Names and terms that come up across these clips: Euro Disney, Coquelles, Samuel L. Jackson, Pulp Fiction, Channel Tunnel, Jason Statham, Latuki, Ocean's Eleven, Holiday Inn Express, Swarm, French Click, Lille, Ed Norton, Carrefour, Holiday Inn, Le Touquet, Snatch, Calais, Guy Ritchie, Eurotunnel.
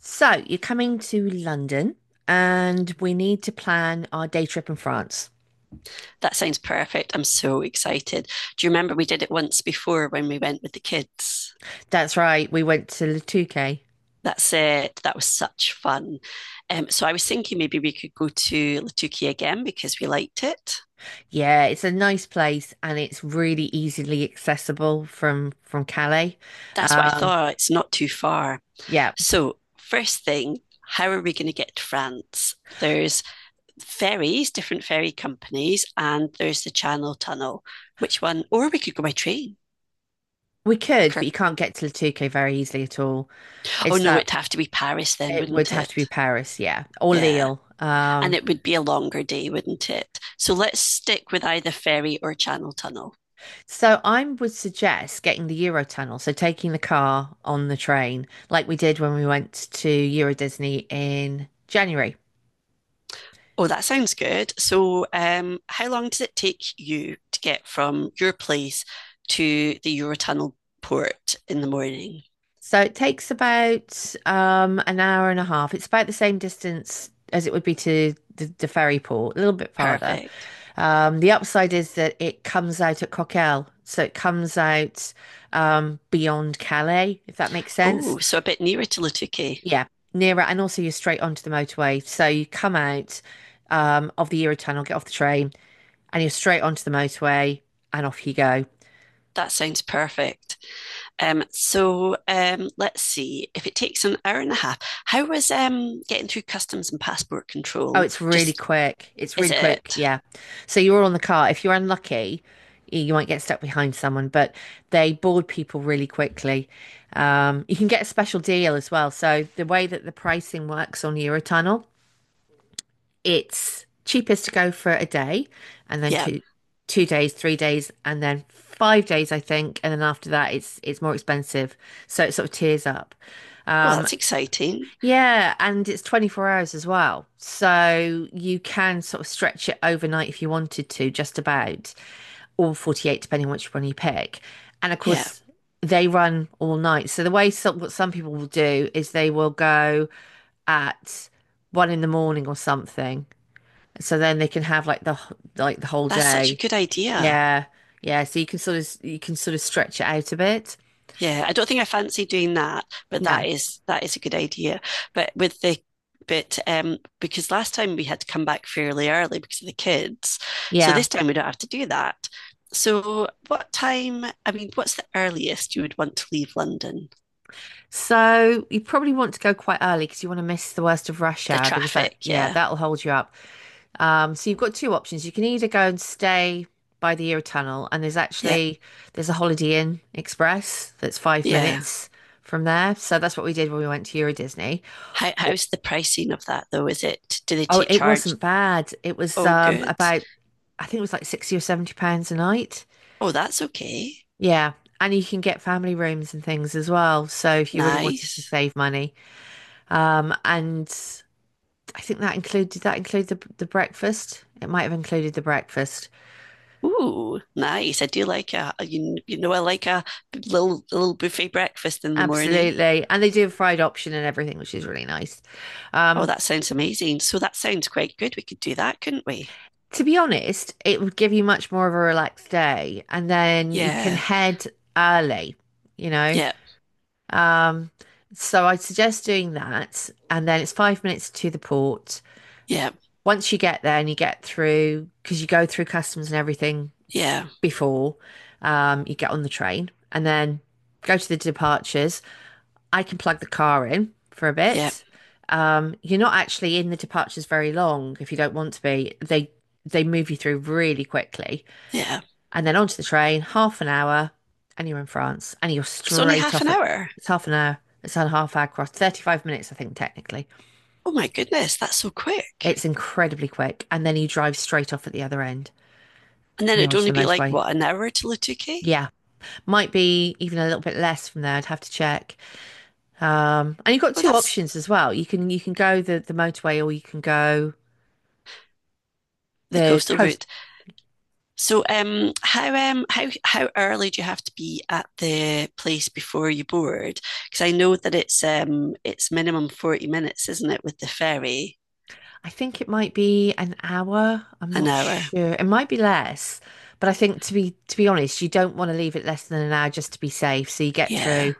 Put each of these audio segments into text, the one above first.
So you're coming to London and we need to plan our day trip in France. That sounds perfect. I'm so excited. Do you remember we did it once before when we went with the kids? That's right, we went to Le Touquet. That's it. That was such fun. So I was thinking maybe we could go to Latuki again because we liked it. Yeah, it's a nice place and it's really easily accessible from Calais. That's what I Um, thought. It's not too far. yeah, So, first thing, how are we going to get to France? There's ferries, different ferry companies, and there's the Channel Tunnel. Which one? Or we could go by train. we could, but you can't get to Le Touquet very easily at all. Oh, It's no, that it'd have to be Paris then, it would wouldn't have to be it? Paris, yeah, or Yeah. Lille. And it would be a longer day, wouldn't it? So let's stick with either ferry or Channel Tunnel. So I would suggest getting the Eurotunnel, so taking the car on the train, like we did when we went to Euro Disney in January. Oh, that sounds good. So, how long does it take you to get from your place to the Eurotunnel port in the morning? So it takes about an hour and a half. It's about the same distance as it would be to the ferry port, a little bit farther. Perfect. The upside is that it comes out at Coquelles, so it comes out beyond Calais, if that makes sense. Oh, so a bit nearer to Lutuke. Yeah, nearer, and also you're straight onto the motorway. So you come out of the Eurotunnel, get off the train, and you're straight onto the motorway, and off you go. That sounds perfect. So, let's see. If it takes an hour and a half, how was getting through customs and passport Oh, control? it's really Just quick. It's is really quick. it? Yeah. So you're all on the car. If you're unlucky, you might get stuck behind someone, but they board people really quickly. You can get a special deal as well. So the way that the pricing works on Eurotunnel, it's cheapest to go for a day and then Yeah. two days, 3 days, and then 5 days, I think. And then after that it's more expensive. So it sort of tiers up. Well, Um that's exciting. yeah, and it's 24 hours as well. So you can sort of stretch it overnight if you wanted to, just about, or 48, depending on which one you pick. And of Yeah. course they run all night. So what some people will do is they will go at 1 in the morning or something, so then they can have like the whole That's such a day. good idea. Yeah. Yeah. So you can sort of stretch it out a bit. Yeah, I don't think I fancy doing that, but No. That is a good idea. But with the bit, because last time we had to come back fairly early because of the kids. So Yeah. this time we don't have to do that. So what time, I mean, what's the earliest you would want to leave London? So you probably want to go quite early because you want to miss the worst of rush The hour because that traffic, yeah, yeah. that'll hold you up. So you've got two options. You can either go and stay by the Euro Tunnel, and there's Yeah. actually there's a Holiday Inn Express that's five Yeah. minutes from there. So that's what we did when we went to Euro Disney. How, Oh, how's the pricing of that though? Is it do they oh, take it charge? wasn't bad. It was Oh, good. about, I think it was like 60 or £70 a night. Oh, that's okay. Yeah. And you can get family rooms and things as well. So if you really wanted to Nice. save money. And I think that included, did that include the breakfast? It might have included the breakfast. Ooh, nice. I do like you, you know I like a little buffet breakfast in the morning. Absolutely. And they do a fried option and everything, which is really nice. Oh, Um, that sounds amazing. So that sounds quite good. We could do that, couldn't we? to be honest, it would give you much more of a relaxed day. And then you can Yeah. head early, you know. Yeah. Um, so I suggest doing that. And then it's 5 minutes to the port. Yeah. Once you get there and you get through, because you go through customs and everything Yeah. before, you get on the train and then go to the departures, I can plug the car in for a Yeah. bit. You're not actually in the departures very long if you don't want to be. They move you through really quickly, Yeah. and then onto the train, half an hour, and you're in France, and you're It's only straight half an off at hour. it's half an hour. It's on half hour cross, 35 minutes, I think, technically. Oh my goodness, that's so quick. It's incredibly quick. And then you drive straight off at the other end. And then Heading it'd onto only the be like motorway. what, an hour to Lutuke? Yeah, might be even a little bit less from there. I'd have to check. And you've got Well, two that's options as well. You can go the motorway or you can go the the coastal coast. route. So, how how early do you have to be at the place before you board? Because I know that it's minimum 40 minutes, isn't it, with the ferry, I think it might be an hour. I'm an not hour. sure. It might be less, but I think, to be honest, you don't want to leave it less than an hour just to be safe. So you get Yeah. through.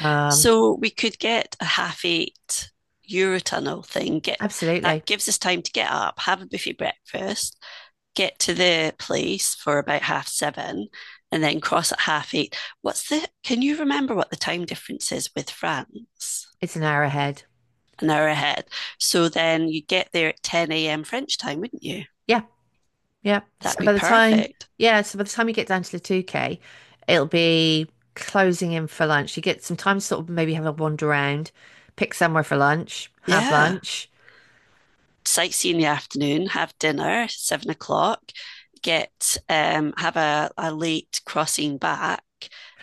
Um, So we could get a half eight Eurotunnel thing. Get Absolutely, that gives us time to get up, have a buffet breakfast, get to the place for about half seven, and then cross at half eight. What's the? Can you remember what the time difference is with France? it's an hour ahead. An hour ahead. So then you get there at 10 a.m. French time, wouldn't you? Yeah, yeah. That'd be perfect. Yeah, so by the time you get down to the 2K, it'll be closing in for lunch. You get some time to sort of maybe have a wander around, pick somewhere for lunch, have Yeah. lunch. Sightsee in the afternoon, have dinner, 7 o'clock, get have a late crossing back,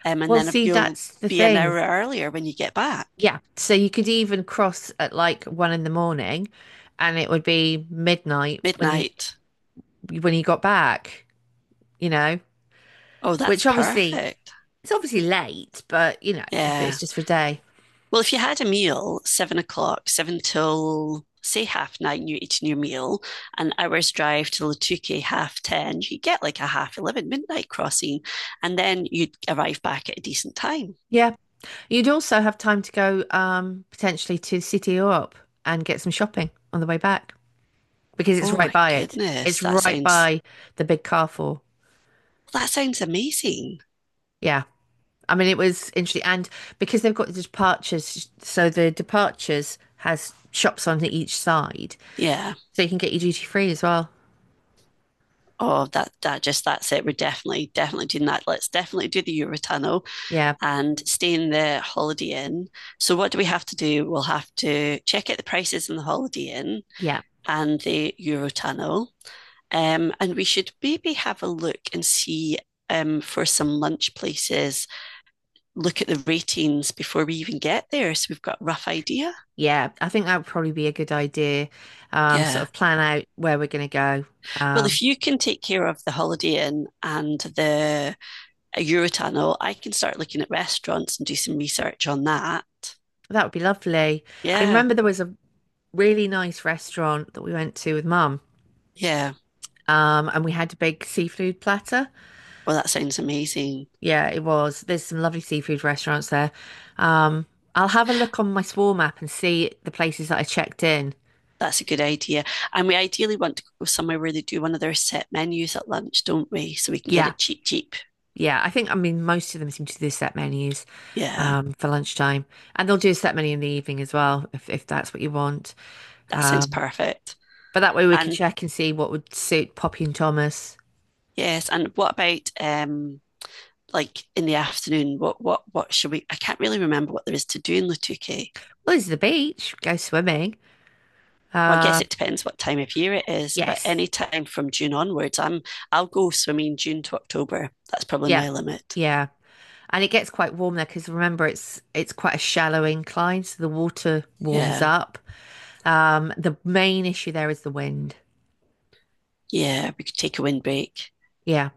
and Well, then see, you'll that's the be an thing. hour earlier when you get back. Yeah. So you could even cross at like 1 in the morning, and it would be midnight when you Midnight. when you got back, you know, Oh, that's which obviously perfect. it's obviously late, but if it's Yeah. just for a day. Well, if you had a meal, 7 o'clock, seven till say half nine, you eating your meal, an hour's drive till Lutuke, half ten, you get like a half 11 midnight crossing, and then you'd arrive back at a decent time. Yeah. You'd also have time to go potentially to the city or up and get some shopping on the way back because it's Oh right my by it. It's goodness, that right sounds by the big Carrefour. that sounds amazing. Yeah. I mean, it was interesting. And because they've got the departures, so the departures has shops on each side. Yeah. So you can get your duty free as well. Oh, that's it. We're definitely doing that. Let's definitely do the Eurotunnel Yeah. and stay in the Holiday Inn. So what do we have to do? We'll have to check out the prices in the Holiday Inn Yeah. and the Eurotunnel. And we should maybe have a look and see for some lunch places, look at the ratings before we even get there. So we've got a rough idea. Yeah. I think that would probably be a good idea. Sort Yeah. of plan out where we're going to go. Well, Um, if you can take care of the Holiday Inn and the Eurotunnel, I can start looking at restaurants and do some research on that. that would be lovely. I Yeah. remember there was a really nice restaurant that we went to with mum. Yeah. And we had a big seafood platter. Well, that sounds amazing. Yeah, it was. There's some lovely seafood restaurants there. Um, I'll have a look on my Swarm app and see the places that I checked in. That's a good idea. And we ideally want to go somewhere where they do one of their set menus at lunch, don't we? So we can get Yeah, it cheap, cheap. yeah. I think, I mean, most of them seem to do set menus Yeah. For lunchtime. And they'll do a set menu in the evening as well, if that's what you want. That sounds Um, perfect. but that way we could And check and see what would suit Poppy and Thomas. yes, and what about like in the afternoon? What should we? I can't really remember what there is to do in Lutuke. Well, this is the beach. Go swimming. Well, I guess Uh, it depends what time of year it is, but any yes. time from June onwards, I'll go swimming June to October. That's probably Yeah. my limit. Yeah. And it gets quite warm there because remember it's quite a shallow incline, so the water warms Yeah, up. The main issue there is the wind. yeah, we could take a windbreak. Yeah.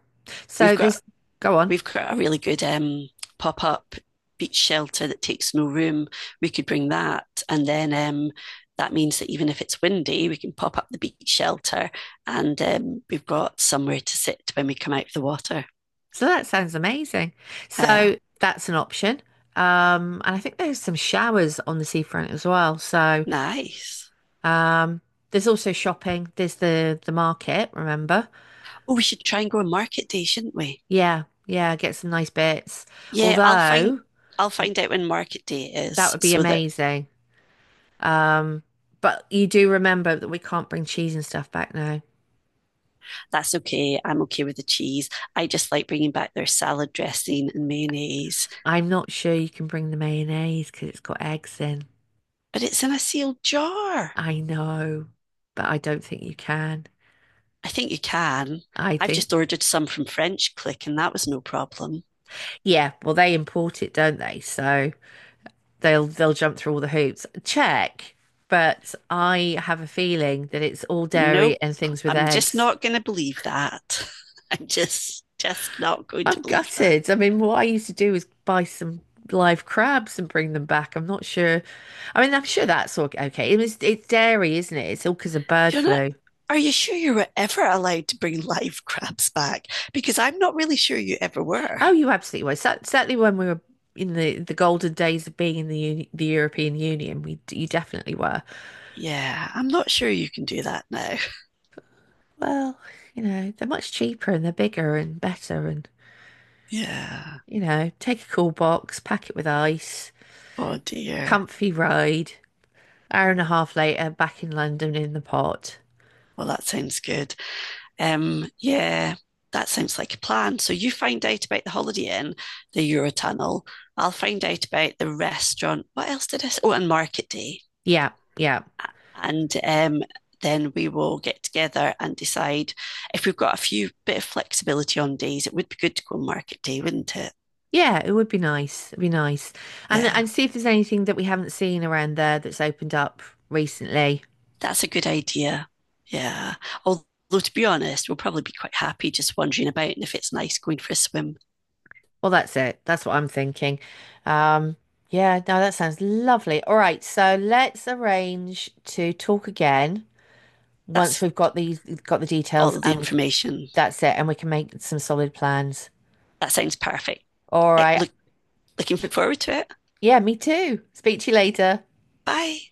We've So got there's go on. We've got a really good pop up beach shelter that takes no room. We could bring that. And then that means that even if it's windy, we can pop up the beach shelter and we've got somewhere to sit when we come out of the water. So that sounds amazing. Uh, So that's an option. And I think there's some showers on the seafront as well. So nice. um, there's also shopping. There's the market, remember? Oh, we should try and go on market day, shouldn't we? Yeah, yeah, get some nice bits. Yeah, I'll find Although I'll y- find out when market day that is would be so that amazing. Um, but you do remember that we can't bring cheese and stuff back now. that's okay. I'm okay with the cheese. I just like bringing back their salad dressing and mayonnaise, I'm not sure you can bring the mayonnaise because it's got eggs in. but it's in a sealed jar. I know, but I don't think you can. I think you can. I I've think, just ordered some from French Click and that was no problem. yeah, well, they import it, don't they? So they'll jump through all the hoops. Check, but I have a feeling that it's all dairy Nope. and things with I'm just eggs. not going to believe that. I'm just not going to I'm believe that. gutted. I mean, what I used to do was buy some live crabs and bring them back. I'm not sure, I mean, I'm sure that's all okay. It's dairy, isn't it? It's all because of bird You're not flu. are you sure you were ever allowed to bring live crabs back? Because I'm not really sure you ever were. Oh, you absolutely were. Certainly, when we were in the golden days of being in the European Union, we you definitely were. Yeah, I'm not sure you can do that now. Well, they're much cheaper and they're bigger and better, and Yeah. Take a cool box, pack it with ice, Oh dear. comfy ride. Hour and a half later, back in London in the pot. Well, that sounds good. Yeah, that sounds like a plan. So you find out about the Holiday Inn, the Eurotunnel. I'll find out about the restaurant. What else did I say? Oh, and Market Day. Yeah, yeah. And then we will get together and decide if we've got a few bit of flexibility on days. It would be good to go on Market Day, wouldn't it? Yeah, it would be nice. It'd be nice. And Yeah, and see if there's anything that we haven't seen around there that's opened up recently. that's a good idea. Yeah. Although to be honest, we'll probably be quite happy just wandering about, and if it's nice, going for a swim. Well, that's it. That's what I'm thinking. Um, yeah, no, that sounds lovely. All right, so let's arrange to talk again once That's we've got the details, all the and information. that's it, and we can make some solid plans. That sounds perfect. All Eh, right. Looking But forward to it. yeah, me too. Speak to you later. Bye.